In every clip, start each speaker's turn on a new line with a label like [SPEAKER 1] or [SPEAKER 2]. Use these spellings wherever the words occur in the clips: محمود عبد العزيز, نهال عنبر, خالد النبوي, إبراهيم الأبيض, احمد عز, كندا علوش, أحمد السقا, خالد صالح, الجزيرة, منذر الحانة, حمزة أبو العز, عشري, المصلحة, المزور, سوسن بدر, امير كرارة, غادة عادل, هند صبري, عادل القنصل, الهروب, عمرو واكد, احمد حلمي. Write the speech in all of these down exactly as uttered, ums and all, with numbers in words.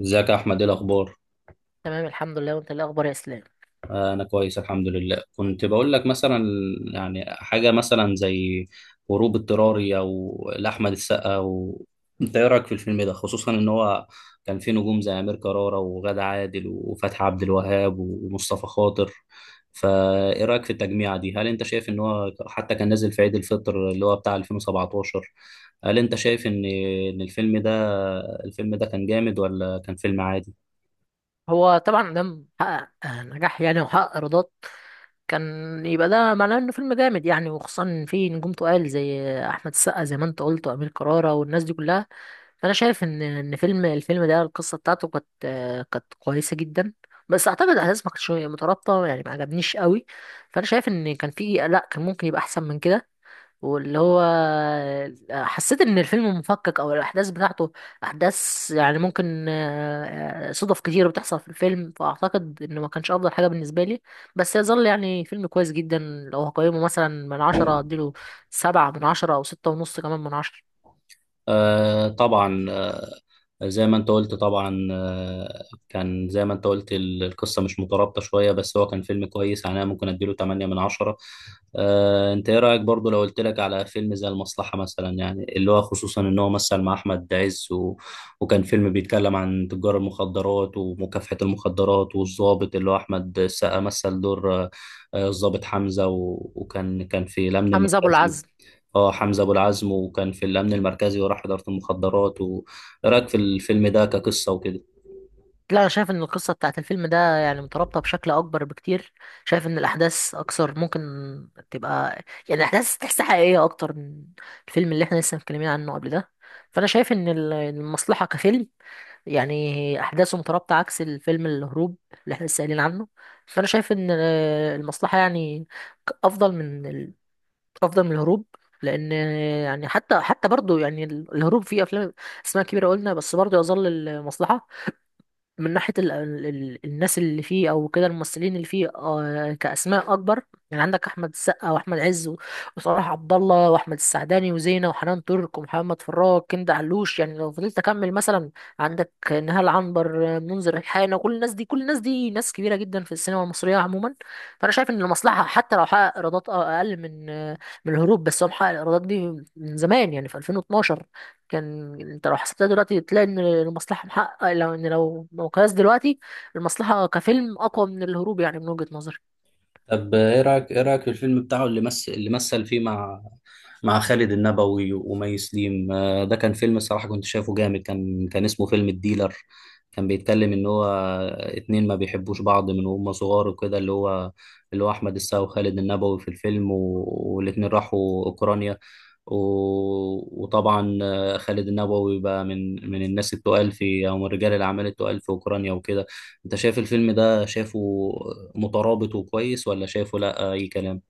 [SPEAKER 1] ازيك يا احمد؟ ايه الاخبار؟
[SPEAKER 2] تمام الحمد لله، وانت ايه الاخبار يا اسلام؟
[SPEAKER 1] آه، انا كويس الحمد لله. كنت بقول لك مثلا، يعني حاجه مثلا زي هروب اضطراري او لاحمد السقا و... انت ايه رايك في الفيلم ده؟ خصوصا ان هو كان فيه نجوم زي امير كرارة وغادة عادل وفتحي عبد الوهاب ومصطفى خاطر. فايه رايك في التجميعه دي؟ هل انت شايف ان هو حتى كان نازل في عيد الفطر اللي هو بتاع ألفين وسبعة عشر؟ هل انت شايف ان ان الفيلم ده الفيلم ده كان جامد ولا كان فيلم عادي؟
[SPEAKER 2] هو طبعا ده حقق آه، نجاح يعني وحقق ايرادات. كان يبقى ده معناه انه فيلم جامد يعني، وخصوصا ان في نجوم تقال زي احمد السقا زي ما انت قلت، وامير كرارة والناس دي كلها. فانا شايف ان ان فيلم الفيلم ده القصه بتاعته كانت، آه، كانت كويسه جدا. بس اعتقد الاحداث ما كانتش مترابطه يعني، ما عجبنيش قوي. فانا شايف ان كان في لا، كان ممكن يبقى احسن من كده. واللي هو حسيت ان الفيلم مفكك او الاحداث بتاعته احداث، يعني ممكن، آه، صدف كتير بتحصل في الفيلم، فاعتقد انه ما كانش افضل حاجه بالنسبه لي. بس يظل يعني فيلم كويس جدا. لو هقيمه مثلا من عشرة اديله سبعة من عشرة، او ستة ونص كمان من عشرة.
[SPEAKER 1] آه طبعا، آه، زي ما انت قلت. طبعا آه، كان زي ما انت قلت ال- القصة مش مترابطة شوية، بس هو كان فيلم كويس، يعني انا ممكن اديله تمانية من عشرة. آه، انت ايه رأيك برضو لو قلت لك على فيلم زي المصلحة مثلا، يعني اللي هو خصوصا ان هو مثل مع احمد عز و... وكان فيلم بيتكلم عن تجار المخدرات ومكافحة المخدرات، والضابط اللي هو احمد السقا مثل دور آه، آه، الضابط حمزة و... وكان كان في الأمن
[SPEAKER 2] حمزة ابو
[SPEAKER 1] المركزي.
[SPEAKER 2] العز.
[SPEAKER 1] اه، حمزة أبو العزم، وكان في الأمن المركزي وراح إدارة المخدرات و... إيه رأيك في الفيلم ده كقصة وكده؟
[SPEAKER 2] لا انا شايف ان القصه بتاعت الفيلم ده يعني مترابطه بشكل اكبر بكتير. شايف ان الاحداث اكثر ممكن تبقى، يعني الاحداث تحسها حقيقيه اكتر من الفيلم اللي احنا لسه متكلمين عنه قبل ده. فانا شايف ان ال- المصلحه كفيلم، يعني احداثه مترابطه عكس الفيلم الهروب اللي احنا لسه قايلين عنه. فانا شايف ان آه، المصلحه يعني ك- افضل من ال... افضل من الهروب. لان، آه، يعني حتى حتى برضه يعني ال- الهروب فيه افلام اسماء كبيره قلنا، بس برضه يظل المصلحه من ناحية ال ال ال الناس اللي فيه أو كده الممثلين اللي فيه آه كأسماء أكبر. يعني عندك أحمد السقا وأحمد عز و- وصلاح عبد الله وأحمد السعداني وزينة وحنان ترك ومحمد فراج كندا علوش، يعني لو فضلت أكمل مثلا عندك نهال عنبر، آه، منذر الحانة، كل الناس دي، كل الناس دي ناس كبيرة جدا في السينما المصرية عموما. فأنا شايف إن المصلحة حتى لو حقق إيرادات، آه، أقل من آه، من الهروب، بس هو محقق الإيرادات دي من زمان يعني في ألفين واتناشر. كان انت لو حسبتها دلوقتي تلاقي ان المصلحه محقق، لو ان لو مقياس دلوقتي المصلحه كفيلم اقوى من الهروب، يعني من وجهه نظري.
[SPEAKER 1] طب ايه رايك ايه رايك في الفيلم بتاعه اللي مثل اللي مثل فيه مع مع خالد النبوي ومي سليم؟ آه، ده كان فيلم، الصراحه كنت شايفه جامد. كان كان اسمه فيلم الديلر. كان بيتكلم ان هو اتنين ما بيحبوش بعض من وهم صغار وكده، اللي هو اللي هو احمد السقا وخالد النبوي في الفيلم و... والاتنين راحوا اوكرانيا و... وطبعا آه، خالد النبوي بقى من من الناس التقال في، او من رجال الاعمال التقال في اوكرانيا وكده. انت شايف الفيلم ده، شايفه مترابط وكويس، ولا شايفه لا اي كلام؟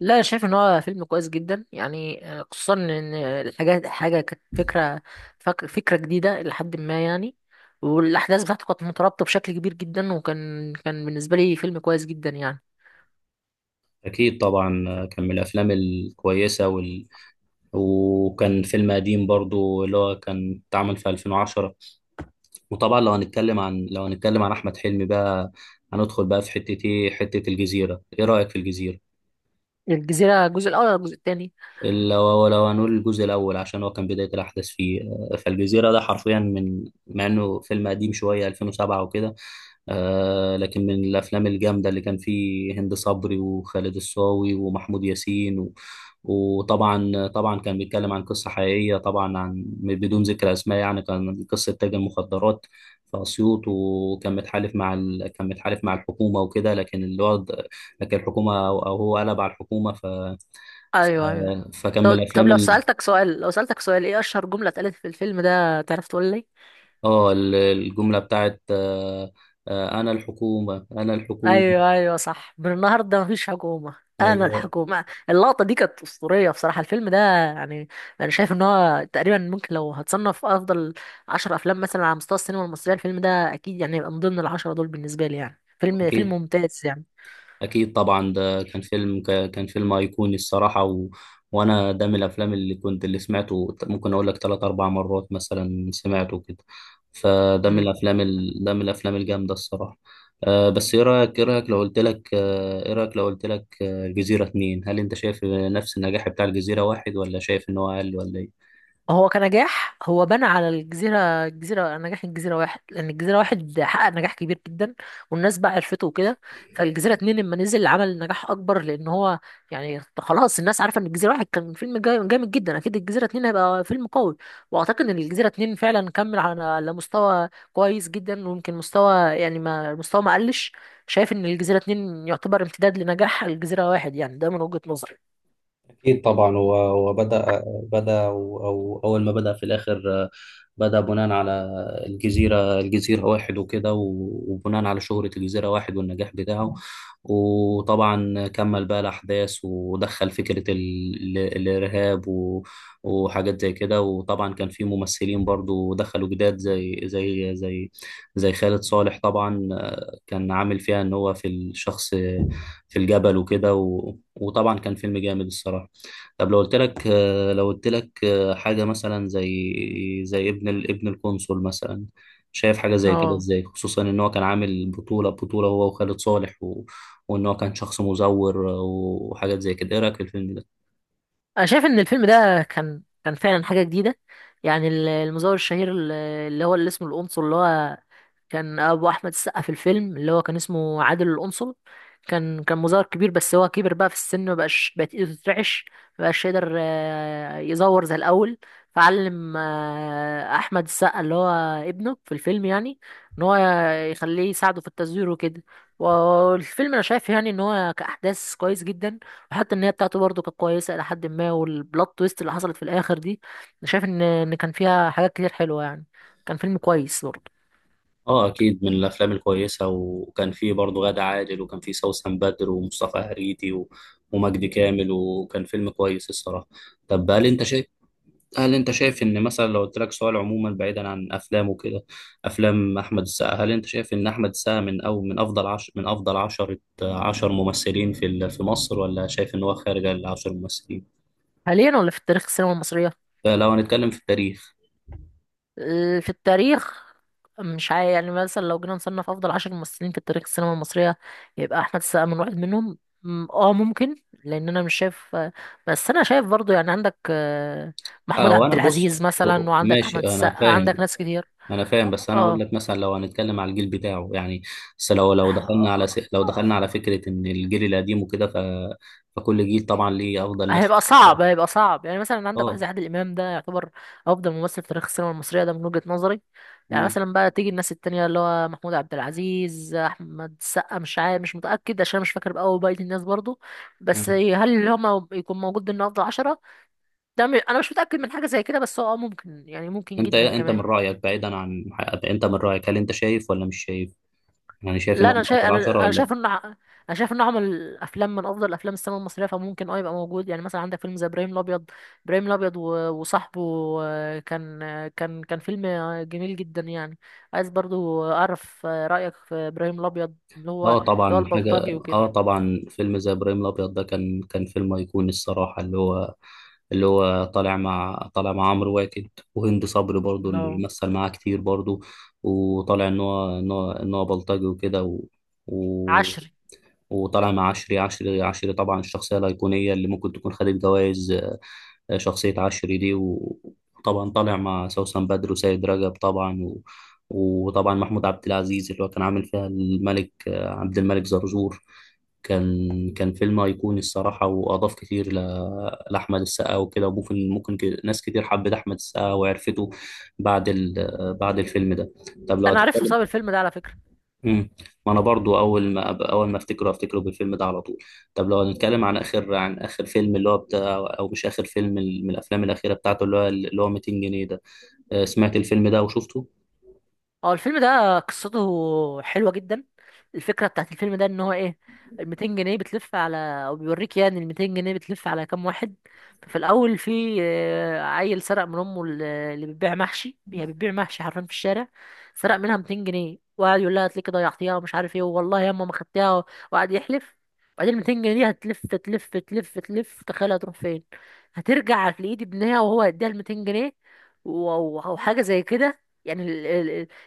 [SPEAKER 2] لا انا شايف ان هو فيلم كويس جدا يعني، آه، خصوصا ان الحاجات حاجه كانت فكره، فك- فكره جديده لحد ما يعني، والاحداث بتاعته كانت مترابطه بشكل كبير جدا، وكان كان بالنسبه لي فيلم كويس جدا يعني.
[SPEAKER 1] اكيد طبعا، كان من الافلام الكويسه وال... وكان فيلم قديم برضو اللي هو كان اتعمل في ألفين وعشرة. وطبعا لو هنتكلم عن لو هنتكلم عن احمد حلمي بقى، هندخل بقى في حته ايه، حته الجزيره. ايه رايك في الجزيره؟
[SPEAKER 2] الجزيره الجزء الاول ولا الجزء الثاني؟
[SPEAKER 1] لو لو هنقول الجزء الاول، عشان هو كان بدايه الاحداث فيه. فالجزيره ده حرفيا، من مع انه فيلم قديم شويه ألفين وسبعة وكده، آه، لكن من الافلام الجامده اللي كان فيه هند صبري وخالد الصاوي ومحمود ياسين و... وطبعا طبعا كان بيتكلم عن قصه حقيقيه طبعا، عن بدون ذكر اسماء يعني. كان قصه تاجر مخدرات في اسيوط وكان متحالف مع ال... كان متحالف مع الحكومه وكده، لكن الوضع لكن الحكومه او أو هو قلب على الحكومه ف.
[SPEAKER 2] ايوه ايوه.
[SPEAKER 1] فكان من
[SPEAKER 2] طب طب
[SPEAKER 1] الافلام
[SPEAKER 2] لو
[SPEAKER 1] ال...
[SPEAKER 2] سالتك سؤال، لو سالتك سؤال، ايه اشهر جمله اتقالت في الفيلم ده، تعرف تقول لي؟
[SPEAKER 1] اه، ال- الجمله بتاعت آه آه انا الحكومه، انا الحكومه.
[SPEAKER 2] ايوه ايوه صح، من النهارده مفيش حكومه، انا
[SPEAKER 1] ايوه.
[SPEAKER 2] الحكومه. اللقطه دي كانت اسطوريه بصراحه. الفيلم ده يعني انا شايف ان هو تقريبا، ممكن لو هتصنف افضل عشر افلام مثلا على مستوى السينما المصريه، الفيلم ده اكيد يعني يبقى من ضمن العشره دول بالنسبه لي، يعني فيلم، فيلم
[SPEAKER 1] اكيد،
[SPEAKER 2] ممتاز يعني.
[SPEAKER 1] أكيد طبعا، ده كان فيلم ك- كان فيلم أيقوني الصراحة و... وأنا ده من الأفلام اللي كنت اللي سمعته ممكن أقول لك تلات أربع مرات مثلا، سمعته كده. فده من الأفلام ال... ده من الأفلام الجامدة الصراحة. أه بس إيه رأيك إيه رأيك لو قلت لك آه، إيه رأيك لو قلت لك آه، الجزيرة اتنين، هل أنت شايف نفس النجاح بتاع الجزيرة واحد، ولا شايف إن هو أقل، ولا إيه؟
[SPEAKER 2] هو كنجاح هو بنى على الجزيرة، الجزيرة نجاح الجزيرة واحد، لأن الجزيرة واحد حقق نجاح كبير جدا والناس بقى عرفته وكده. فالجزيرة اتنين لما نزل عمل نجاح أكبر، لأن هو يعني خلاص الناس عارفة إن الجزيرة واحد كان فيلم جا- جامد جدا، أكيد الجزيرة اتنين هيبقى فيلم قوي. وأعتقد إن الجزيرة اتنين فعلا كمل على على مستوى كويس جدا، ويمكن مستوى يعني ما مستوى ما قلش. شايف إن الجزيرة اتنين يعتبر امتداد لنجاح الجزيرة واحد، يعني ده من وجهة نظري.
[SPEAKER 1] أكيد طبعا، و- وبدأ بدأ بدأ أو أول ما بدأ في الآخر، آه، بدأ بناء على الجزيرة الجزيرة واحد وكده، و- وبناء على شهرة الجزيرة واحد والنجاح بتاعه. وطبعا كمل بقى الأحداث ودخل فكرة ال- ال- الإرهاب و- وحاجات زي كده. وطبعا كان في ممثلين برضو دخلوا جداد، زي زي زي زي خالد صالح طبعا. آه، كان عامل فيها إن هو في الشخص في الجبل وكده. وطبعا كان فيلم جامد الصراحه. طب لو قلت لك آه، لو قلت لك آه، حاجه مثلا زي زي ابن ال- ابن القنصل مثلا، شايف حاجه زي كده
[SPEAKER 2] اه،
[SPEAKER 1] ازاي؟ خصوصا ان هو كان عامل بطوله بطوله هو وخالد صالح و... وان هو كان شخص مزور آه، وحاجات زي كده. ايه رايك في الفيلم ده؟
[SPEAKER 2] انا شايف ان الفيلم ده كان كان فعلا حاجه جديده، يعني ال- المزور الشهير ال- اللي هو اللي اسمه القنصل، اللي هو كان ابو احمد السقا في الفيلم، اللي هو كان اسمه عادل القنصل. كان كان مظهر كبير، بس هو كبر بقى في السن، مبقاش، بقت ايده تترعش، مبقاش يقدر آه، يزور زي الاول. فعلم، آه، احمد السقا اللي هو ابنه في الفيلم، يعني ان هو يخليه يساعده في التزوير وكده. والفيلم انا شايف يعني ان هو كاحداث كويس جدا، وحتى النهايه بتاعته برضه كانت كويسه الى حد ما، والبلوت تويست اللي حصلت في الاخر دي انا شايف ان ان كان فيها حاجات كتير حلوه يعني، كان فيلم كويس برضه.
[SPEAKER 1] اه، اكيد من الافلام الكويسه. وكان فيه برضه غادة عادل، وكان فيه سوسن بدر ومصطفى هريتي و... ومجدي كامل. وكان فيلم كويس الصراحه. طب هل انت شايف هل انت شايف ان مثلا، لو قلت لك سؤال عموما بعيدا عن افلام وكده، افلام احمد السقا، هل انت شايف ان احمد السقا من او من افضل عش من افضل عشرة، عشر ممثلين في ال- في مصر، ولا شايف ان هو خارج العشر ممثلين؟
[SPEAKER 2] حاليا ولا في التاريخ السينما المصرية؟
[SPEAKER 1] فلو هنتكلم في التاريخ.
[SPEAKER 2] آه، في التاريخ مش عارف. يعني مثلا لو جينا نصنف أفضل عشر ممثلين في التاريخ السينما المصرية، يبقى أحمد السقا من واحد منهم، م- اه ممكن. لأن أنا مش شايف، آه، بس أنا شايف برضو يعني عندك، آه، محمود
[SPEAKER 1] اه،
[SPEAKER 2] عبد
[SPEAKER 1] وانا بص،
[SPEAKER 2] العزيز مثلا، وعندك
[SPEAKER 1] ماشي.
[SPEAKER 2] أحمد
[SPEAKER 1] انا
[SPEAKER 2] السقا، عندك
[SPEAKER 1] فاهم،
[SPEAKER 2] ناس كتير.
[SPEAKER 1] انا فاهم،
[SPEAKER 2] اه.
[SPEAKER 1] بس انا اقول
[SPEAKER 2] آه،
[SPEAKER 1] لك مثلا لو هنتكلم على الجيل بتاعه يعني. بس لو لو
[SPEAKER 2] آه،
[SPEAKER 1] دخلنا على س... لو
[SPEAKER 2] آه،
[SPEAKER 1] دخلنا على فكرة ان الجيل القديم وكده ف. فكل جيل طبعا ليه افضل ناس.
[SPEAKER 2] هيبقى صعب، هيبقى صعب. يعني مثلا عندك واحد
[SPEAKER 1] اه.
[SPEAKER 2] زي عادل امام، ده يعتبر افضل ممثل في تاريخ السينما المصريه ده من وجهه نظري. يعني
[SPEAKER 1] مم.
[SPEAKER 2] مثلا بقى تيجي الناس التانية اللي هو محمود عبد العزيز، احمد السقا، مش عارف، مش متاكد عشان مش فاكر بقى بقيه الناس برضو. بس
[SPEAKER 1] مم.
[SPEAKER 2] هل اللي هم يكون موجود ضمن افضل عشرة، ده م- انا مش متاكد من حاجه زي كده، بس هو آه ممكن، يعني ممكن
[SPEAKER 1] انت،
[SPEAKER 2] جدا
[SPEAKER 1] انت من
[SPEAKER 2] كمان.
[SPEAKER 1] رايك بعيدا عن حقيقة، انت من رايك، هل انت شايف ولا مش شايف؟ يعني شايف ان
[SPEAKER 2] لا
[SPEAKER 1] هو من
[SPEAKER 2] انا شايف،
[SPEAKER 1] افضل
[SPEAKER 2] انا
[SPEAKER 1] عشرة
[SPEAKER 2] انا
[SPEAKER 1] ولا؟
[SPEAKER 2] شايف ان ع- انا شايف انه عمل افلام من افضل افلام السينما المصريه، فممكن اه يبقى موجود. يعني مثلا عندك فيلم زي ابراهيم الابيض، ابراهيم الابيض و- وصاحبه، آه، كان، آه، كان كان فيلم، آه، جميل جدا يعني. عايز برضو اعرف، آه، رايك في ابراهيم الابيض، اللي هو
[SPEAKER 1] اه
[SPEAKER 2] اللي هو
[SPEAKER 1] طبعا، حاجه.
[SPEAKER 2] البلطجي وكده.
[SPEAKER 1] اه طبعا، فيلم زي ابراهيم الابيض ده كان كان فيلم ايقوني الصراحه، اللي هو اللي هو طالع مع طالع مع عمرو واكد وهند صبري برضو،
[SPEAKER 2] لا،
[SPEAKER 1] اللي مثل معاه كتير برضو. وطالع ان هو ان هو ان هو بلطجي وكده و... و...
[SPEAKER 2] عشري.
[SPEAKER 1] وطالع مع عشري، عشري عشري طبعا الشخصيه الايقونيه اللي ممكن تكون خدت جوائز، شخصية عشري دي. وطبعا طالع مع سوسن بدر وسيد رجب طبعا و... وطبعا محمود عبد العزيز اللي هو كان عامل فيها الملك عبد الملك زرزور. كان كان فيلم أيقوني الصراحة، وأضاف كتير ل... لأحمد السقا وكده. وممكن ممكن ك- ناس كتير حبت أحمد السقا وعرفته بعد ال... بعد الفيلم ده. طب لو
[SPEAKER 2] انا عرفته
[SPEAKER 1] هتتكلم.
[SPEAKER 2] بسبب الفيلم ده على فكره.
[SPEAKER 1] امم، ما انا برضو اول ما أب- اول ما افتكره، افتكره بالفيلم ده على طول. طب لو هنتكلم عن اخر، عن اخر فيلم اللي هو بتاع، او مش اخر فيلم، ال- من الافلام الاخيره بتاعته، اللي هو اللي هو ميتين جنيه ده. آه، سمعت الفيلم ده وشفته.
[SPEAKER 2] اه، الفيلم ده قصته حلوة جدا. الفكرة بتاعت الفيلم ده ان هو ايه، ال ميتين جنيه بتلف على، او بيوريك يعني ال ميتين جنيه بتلف على كام واحد. ففي الاول في، آه، عيل سرق من امه ال- اللي بتبيع محشي، هي بتبيع محشي حرفيا في الشارع، سرق منها ميتين جنيه وقعد يقول لها هتلاقيكي ضيعتيها ومش عارف ايه والله ياما ما خدتيها، وقعد يحلف. وبعدين ال ميتين جنيه دي هتلف تلف تلف تلف، تخيل هتروح فين؟ هترجع في ايد ابنها وهو هيديها ال ميتين جنيه و- وحاجة زي كده يعني.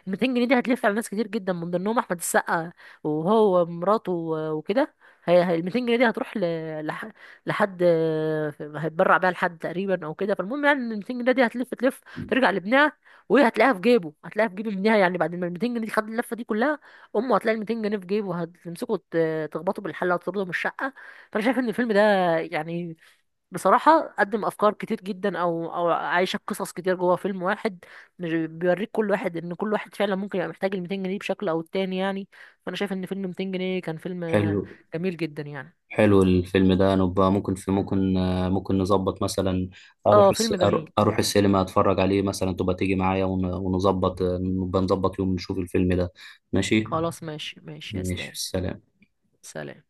[SPEAKER 2] ميتين جنيه دي هتلف على ناس كتير جدا من ضمنهم احمد السقا وهو ومراته و- وكده. هي هي ال ميتين جنيه دي هتروح ل... لح... لحد هيتبرع بيها لحد تقريبا او كده. فالمهم يعني ان ال ميتين جنيه دي هتلف تلف، ترجع لابنها، وهي هتلاقيها في جيبه، هتلاقيها في جيب ابنها، يعني بعد ما ال ميتين جنيه دي خد اللفه دي كلها، امه هتلاقي ال ميتين جنيه في جيبه، هتمسكه ت- تخبطه بالحله وتطرده من الشقه. فانا شايف ان الفيلم ده يعني بصراحة قدم أفكار كتير جدا، أو أو عايشك قصص كتير جوه فيلم واحد. مش بيوريك كل واحد، ان كل واحد فعلا ممكن يبقى محتاج ال ميتين جنيه بشكل او التاني يعني. فانا شايف ان فيلم ميتين جنيه كان فيلم، آه،
[SPEAKER 1] حلو.
[SPEAKER 2] جميل جدا يعني.
[SPEAKER 1] حلو الفيلم ده. نبقى ممكن في ممكن آه، ممكن نظبط مثلا، اروح
[SPEAKER 2] اه
[SPEAKER 1] الس...
[SPEAKER 2] فيلم
[SPEAKER 1] أرو-
[SPEAKER 2] جميل.
[SPEAKER 1] اروح السينما اتفرج عليه مثلا. تبقى تيجي معايا ون- ونظبط آه، نبقى نظبط يوم نشوف الفيلم ده. ماشي.
[SPEAKER 2] خلاص ماشي ماشي يا
[SPEAKER 1] ماشي،
[SPEAKER 2] اسلام.
[SPEAKER 1] سلام.
[SPEAKER 2] سلام.